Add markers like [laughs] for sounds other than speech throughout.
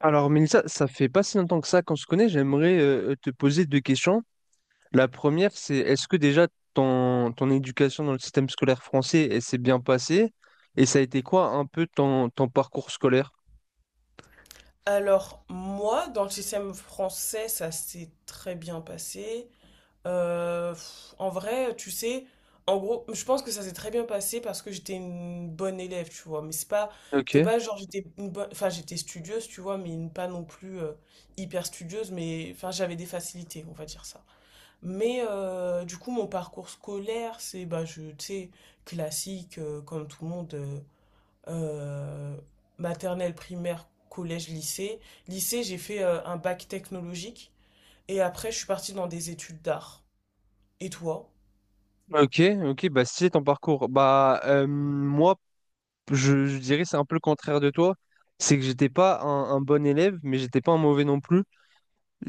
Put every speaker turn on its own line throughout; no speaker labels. Alors, Mélissa, ça fait pas si longtemps que ça qu'on se connaît. J'aimerais te poser deux questions. La première, c'est est-ce que déjà ton éducation dans le système scolaire français, elle s'est bien passée? Et ça a été quoi un peu ton parcours scolaire?
Alors, moi, dans le système français, ça s'est très bien passé. En vrai, tu sais, en gros, je pense que ça s'est très bien passé parce que j'étais une bonne élève, tu vois. Mais c'est pas, c'était
Ok,
pas genre j'étais une bonne, enfin j'étais studieuse, tu vois, mais pas non plus hyper studieuse, mais enfin j'avais des facilités, on va dire ça. Mais du coup, mon parcours scolaire, c'est bah je, tu sais, classique comme tout le monde. Euh, Maternelle, primaire, collège, lycée. Lycée, j'ai fait un bac technologique et après, je suis partie dans des études d'art. Et toi?
ok, ok, bah si c'est ton parcours, bah moi je dirais c'est un peu le contraire de toi, c'est que j'étais pas un bon élève, mais j'étais pas un mauvais non plus.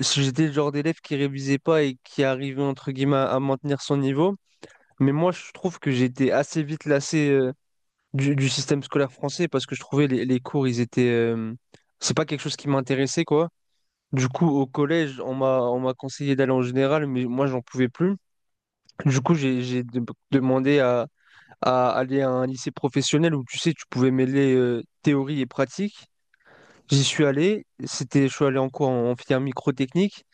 Si j'étais le genre d'élève qui révisait pas et qui arrivait entre guillemets à maintenir son niveau. Mais moi, je trouve que j'étais assez vite lassé du système scolaire français parce que je trouvais les cours, ils étaient. C'est pas quelque chose qui m'intéressait, quoi. Du coup, au collège, on m'a conseillé d'aller en général, mais moi, j'en pouvais plus. Du coup, demandé à aller à un lycée professionnel où, tu sais, tu pouvais mêler théorie et pratique. J'y suis allé. Je suis allé en cours en filière microtechnique.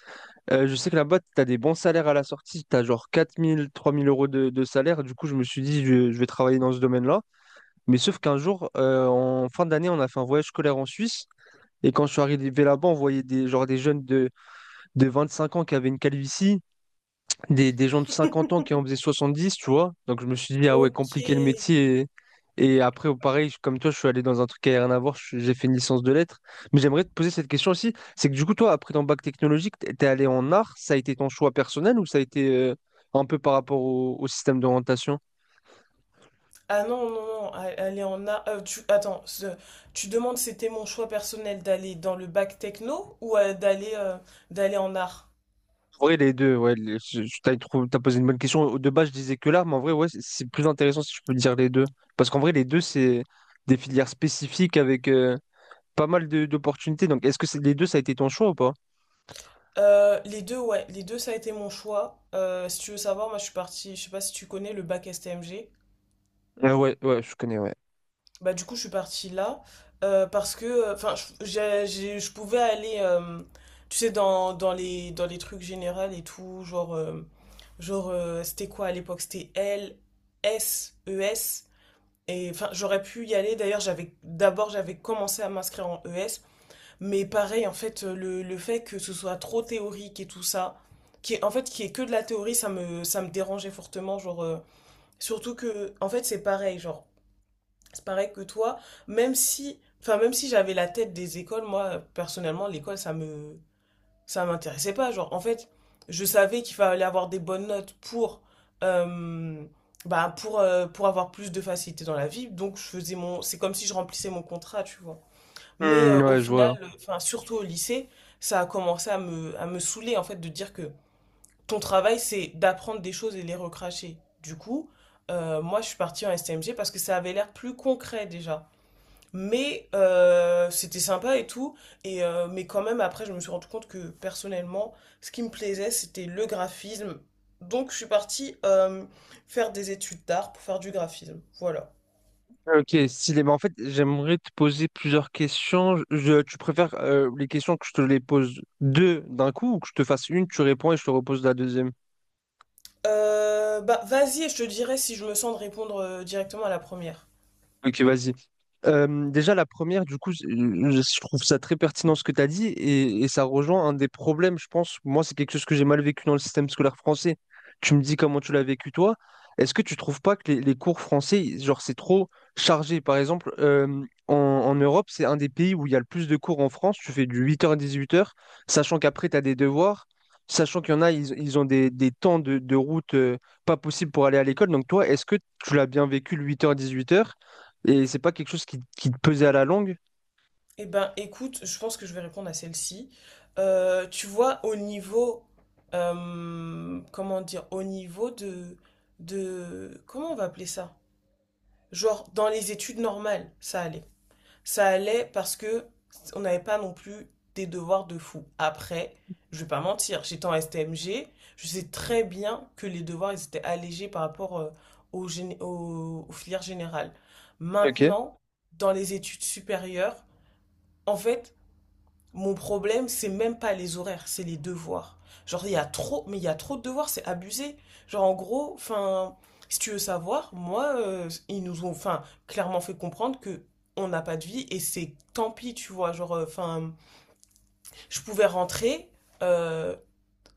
Je sais que là-bas, tu as des bons salaires à la sortie, tu as genre 4 000, 3 000 euros de salaire. Du coup, je me suis dit, je vais travailler dans ce domaine-là. Mais sauf qu'un jour, en fin d'année, on a fait un voyage scolaire en Suisse. Et quand je suis arrivé là-bas, on voyait genre des jeunes de 25 ans qui avaient une calvitie, des gens de 50 ans qui en faisaient 70, tu vois. Donc je me suis dit, ah ouais,
Ok.
compliqué le métier. Et après, pareil, comme toi, je suis allé dans un truc qui n'a rien à voir, je- j'ai fait une licence de lettres. Mais j'aimerais te poser cette question aussi, c'est que du coup, toi, après ton bac technologique, t'es allé en art, ça a été ton choix personnel ou ça a été un peu par rapport au système d'orientation?
Ah non, non, non, aller en art. Tu, attends. Tu demandes c'était mon choix personnel d'aller dans le bac techno ou d'aller en art?
En vrai, les deux, ouais, t'as posé une bonne question. De base, je disais que l'art, mais en vrai, ouais, c'est plus intéressant si je peux dire les deux. Parce qu'en vrai, les deux, c'est des filières spécifiques avec... pas mal d'opportunités. Donc, est-ce que les deux, ça a été ton choix ou pas?
Les deux, ouais, les deux, ça a été mon choix. Si tu veux savoir, moi je suis partie, je sais pas si tu connais le bac STMG.
Ah ouais, ouais, je connais, ouais.
Bah du coup je suis partie là, parce que enfin je pouvais aller, tu sais, dans les trucs généraux et tout genre genre c'était quoi à l'époque, c'était L S E S, et enfin j'aurais pu y aller. D'ailleurs, j'avais d'abord, j'avais commencé à m'inscrire en ES, mais pareil, en fait, le fait que ce soit trop théorique et tout ça, qui est en fait qui est que de la théorie, ça me dérangeait fortement, genre, surtout que en fait c'est pareil, genre, c'est pareil que toi, même si, enfin, même si j'avais la tête des écoles, moi, personnellement, l'école, ça m'intéressait pas. Genre, en fait, je savais qu'il fallait avoir des bonnes notes euh, pour avoir plus de facilité dans la vie. Donc, je faisais c'est comme si je remplissais mon contrat, tu vois. Mais
Hmm,
au
ouais, je
final,
vois.
enfin, surtout au lycée, ça a commencé à me saouler, en fait, de dire que ton travail, c'est d'apprendre des choses et les recracher. Du coup, moi, je suis partie en STMG parce que ça avait l'air plus concret déjà. Mais c'était sympa et tout. Mais quand même, après, je me suis rendu compte que personnellement, ce qui me plaisait, c'était le graphisme. Donc, je suis partie faire des études d'art pour faire du graphisme. Voilà.
Ok, stylé. Bah, en fait, j'aimerais te poser plusieurs questions. Tu préfères les questions que je te les pose deux d'un coup ou que je te fasse une, tu réponds et je te repose la deuxième?
Bah, vas-y, et je te dirai si je me sens de répondre directement à la première.
Ok, vas-y. Déjà, la première, du coup, trouve ça très pertinent ce que tu as dit et ça rejoint un des problèmes, je pense. Moi, c'est quelque chose que j'ai mal vécu dans le système scolaire français. Tu me dis comment tu l'as vécu toi. Est-ce que tu trouves pas que les cours français, genre, c'est trop chargé? Par exemple, en Europe, c'est un des pays où il y a le plus de cours en France. Tu fais du 8h à 18h, sachant qu'après, tu as des devoirs, sachant qu'il y en a, ils ont des temps de route pas possible pour aller à l'école. Donc, toi, est-ce que tu l'as bien vécu le 8 dix-huit heures? Et c'est pas quelque chose qui te pesait à la longue.
Eh ben, écoute, je pense que je vais répondre à celle-ci. Tu vois, au niveau, comment dire, au niveau de, comment on va appeler ça? Genre, dans les études normales, ça allait. Ça allait parce que on n'avait pas non plus des devoirs de fou. Après, je vais pas mentir, j'étais en STMG, je sais très bien que les devoirs, ils étaient allégés par rapport aux filières générales.
Ok.
Maintenant, dans les études supérieures, en fait, mon problème, c'est même pas les horaires, c'est les devoirs. Genre, il y a trop, mais il y a trop de devoirs, c'est abusé. Genre, en gros, enfin, si tu veux savoir, moi, ils nous ont, enfin, clairement fait comprendre que on n'a pas de vie et c'est tant pis, tu vois. Genre, enfin, je pouvais rentrer, euh,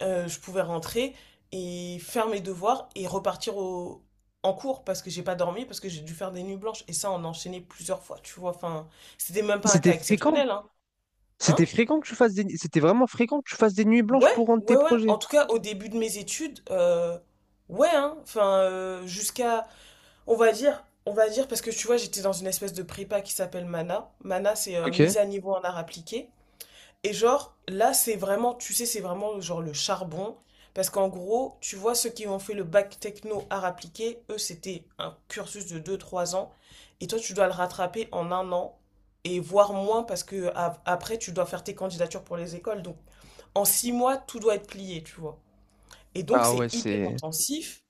je pouvais rentrer et faire mes devoirs et repartir en cours parce que j'ai pas dormi, parce que j'ai dû faire des nuits blanches et ça, on enchaînait plusieurs fois, tu vois. Enfin, c'était même pas un
C'était
cas
fréquent.
exceptionnel, hein.
C'était
Hein.
fréquent que tu fasses des... C'était vraiment fréquent que tu fasses des nuits blanches
Ouais,
pour rendre tes
ouais, ouais.
projets.
En tout cas, au début de mes études, ouais, hein. Enfin, jusqu'à, on va dire, parce que tu vois, j'étais dans une espèce de prépa qui s'appelle MANA. MANA, c'est
Ok.
mise à niveau en art appliqué. Et genre, là, c'est vraiment, tu sais, c'est vraiment genre le charbon. Parce qu'en gros, tu vois, ceux qui ont fait le bac techno art appliqué, eux, c'était un cursus de deux trois ans. Et toi, tu dois le rattraper en un an. Et voire moins, parce que après, tu dois faire tes candidatures pour les écoles. Donc, en 6 mois, tout doit être plié, tu vois. Et donc,
Ah ouais,
c'est hyper
c'est...
intensif.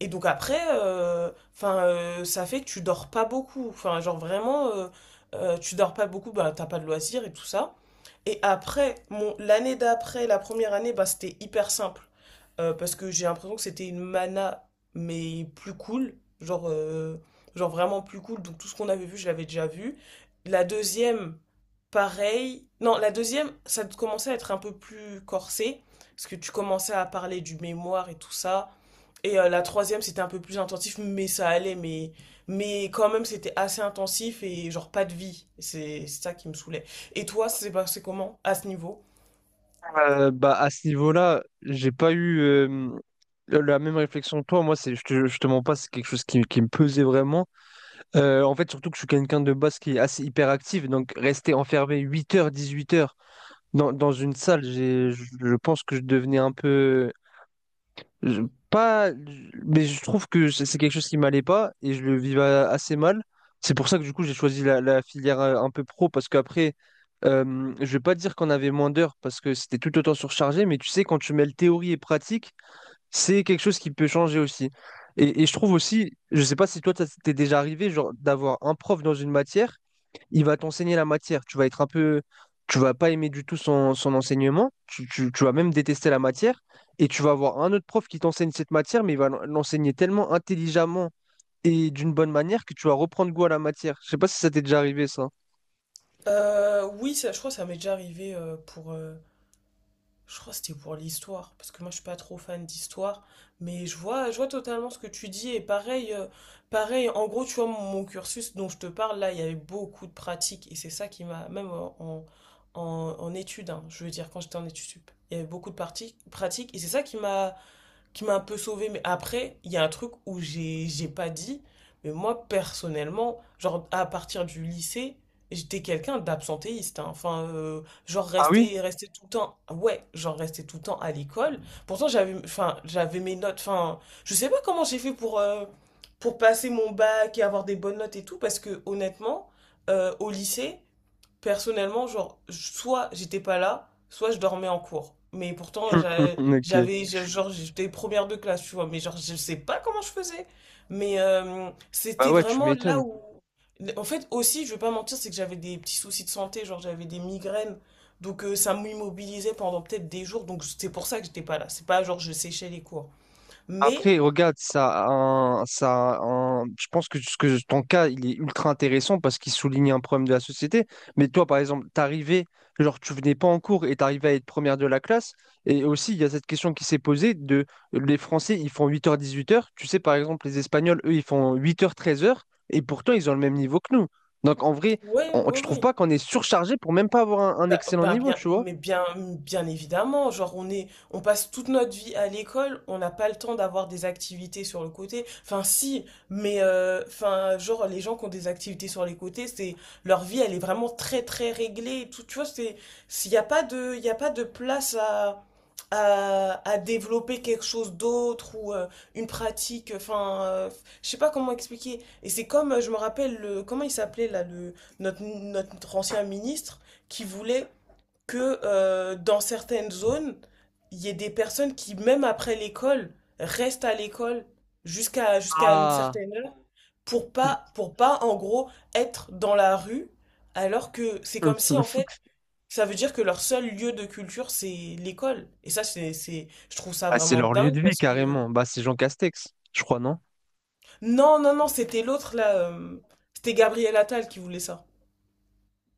Et donc après, enfin, ça fait que tu dors pas beaucoup. Enfin, genre vraiment, tu dors pas beaucoup, bah, t'as pas de loisirs et tout ça. Et après, l'année d'après, la première année, bah, c'était hyper simple. Parce que j'ai l'impression que c'était une mana, mais plus cool. Genre, euh, genre, vraiment plus cool. Donc tout ce qu'on avait vu, je l'avais déjà vu. La deuxième, pareil. Non, la deuxième, ça commençait à être un peu plus corsé. Parce que tu commençais à parler du mémoire et tout ça. Et la troisième, c'était un peu plus intensif, mais ça allait, mais quand même, c'était assez intensif et genre pas de vie. C'est ça qui me saoulait. Et toi, c'est passé comment à ce niveau?
Bah à ce niveau-là, j'ai pas eu la même réflexion que toi. Moi, c'est, je te mens pas, c'est quelque chose qui me pesait vraiment. En fait, surtout que je suis quelqu'un de base qui est assez hyperactif. Donc rester enfermé 8h, 18h dans une salle, j'ai, je pense que je devenais un peu... Je- pas, Mais je trouve que c'est quelque chose qui m'allait pas et je le vivais assez mal. C'est pour ça que du coup j'ai choisi la filière un peu pro parce qu'après, je vais pas dire qu'on avait moins d'heures parce que c'était tout autant surchargé, mais tu sais, quand tu mêles théorie et pratique, c'est quelque chose qui peut changer aussi. Et je trouve aussi, je sais pas si toi ça t'est déjà arrivé, genre d'avoir un prof dans une matière il va t'enseigner la matière. Tu vas être un peu, tu vas pas aimer du tout son enseignement. Tu vas même détester la matière. Et tu vas avoir un autre prof qui t'enseigne cette matière, mais il va l'enseigner tellement intelligemment et d'une bonne manière que tu vas reprendre goût à la matière. Je sais pas si ça t'est déjà arrivé, ça.
Oui, ça, je crois que ça m'est déjà arrivé je crois que c'était pour l'histoire, parce que moi je suis pas trop fan d'histoire, mais je vois totalement ce que tu dis, et pareil, en gros, tu vois, mon cursus dont je te parle, là, il y avait beaucoup de pratiques, et c'est ça qui même en, en études, hein, je veux dire, quand j'étais en études sup, il y avait beaucoup de pratiques, et c'est ça qui m'a un peu sauvée. Mais après, il y a un truc où j'ai pas dit, mais moi, personnellement, genre, à partir du lycée, j'étais quelqu'un d'absentéiste, hein. Enfin, genre,
Ah oui?
rester tout le temps, ouais, genre, rester tout le temps à l'école. Pourtant, enfin, j'avais mes notes. Enfin, je sais pas comment j'ai fait pour passer mon bac et avoir des bonnes notes et tout, parce que, honnêtement, au lycée, personnellement, genre, soit j'étais pas là, soit je dormais en cours. Mais pourtant,
[laughs]
j'a-
Ok.
j'avais, je- genre, j'étais première de classe, tu vois, mais genre, je sais pas comment je faisais. Mais
Bah
c'était
ouais, tu
vraiment là
m'étonnes.
où. En fait, aussi, je vais pas mentir, c'est que j'avais des petits soucis de santé, genre, j'avais des migraines. Donc, ça m'immobilisait pendant peut-être des jours. Donc, c'est pour ça que j'étais pas là. C'est pas genre je séchais les cours. Mais,
Après, regarde, je pense ce que ton cas, il est ultra intéressant parce qu'il souligne un problème de la société. Mais toi, par exemple, t'arrivais, genre, tu venais pas en cours et t'arrivais à être première de la classe. Et aussi, il y a cette question qui s'est posée de les Français, ils font 8h 18h. Tu sais, par exemple, les Espagnols, eux, ils font 8h 13h. Et pourtant, ils ont le même niveau que nous. Donc, en vrai,
ouais, ouais,
tu trouves
oui.
pas qu'on est surchargé pour même pas avoir un
Bah,
excellent
bah,
niveau,
bien,
tu vois?
mais bien, bien évidemment, genre on passe toute notre vie à l'école, on n'a pas le temps d'avoir des activités sur le côté. Enfin si, mais enfin genre les gens qui ont des activités sur les côtés, c'est leur vie, elle est vraiment très très réglée. Et tout, tu vois, c'est, s'il n'y a pas de, il y a pas de place à, développer quelque chose d'autre ou une pratique. Enfin, je sais pas comment expliquer. Et c'est comme, je me rappelle le, comment il s'appelait là, le, notre ancien ministre qui voulait que dans certaines zones, il y ait des personnes qui, même après l'école, restent à l'école jusqu'à une
Ah,
certaine heure pour pas, en gros, être dans la rue, alors que c'est comme si, en fait,
[laughs]
ça veut dire que leur seul lieu de culture, c'est l'école. Et ça, c'est, je trouve ça
Ah, c'est
vraiment
leur lieu
dingue
de vie,
parce que.
carrément. Bah, c'est Jean Castex, je crois, non?
Non, non, non, c'était l'autre, là. C'était Gabriel Attal qui voulait ça.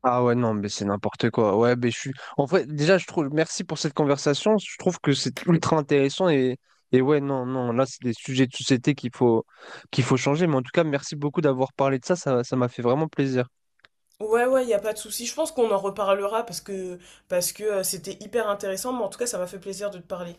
Ah ouais, non, mais c'est n'importe quoi. Ouais, mais je suis. En vrai, déjà, je trouve. Merci pour cette conversation. Je trouve que c'est ultra intéressant et. Et ouais, non, non, là, c'est des sujets de société qu'il faut changer. Mais en tout cas, merci beaucoup d'avoir parlé de ça. Ça m'a fait vraiment plaisir.
Ouais, ouais, il a pas de souci. Je pense qu'on en reparlera parce que c'était hyper intéressant, mais en tout cas, ça m'a fait plaisir de te parler.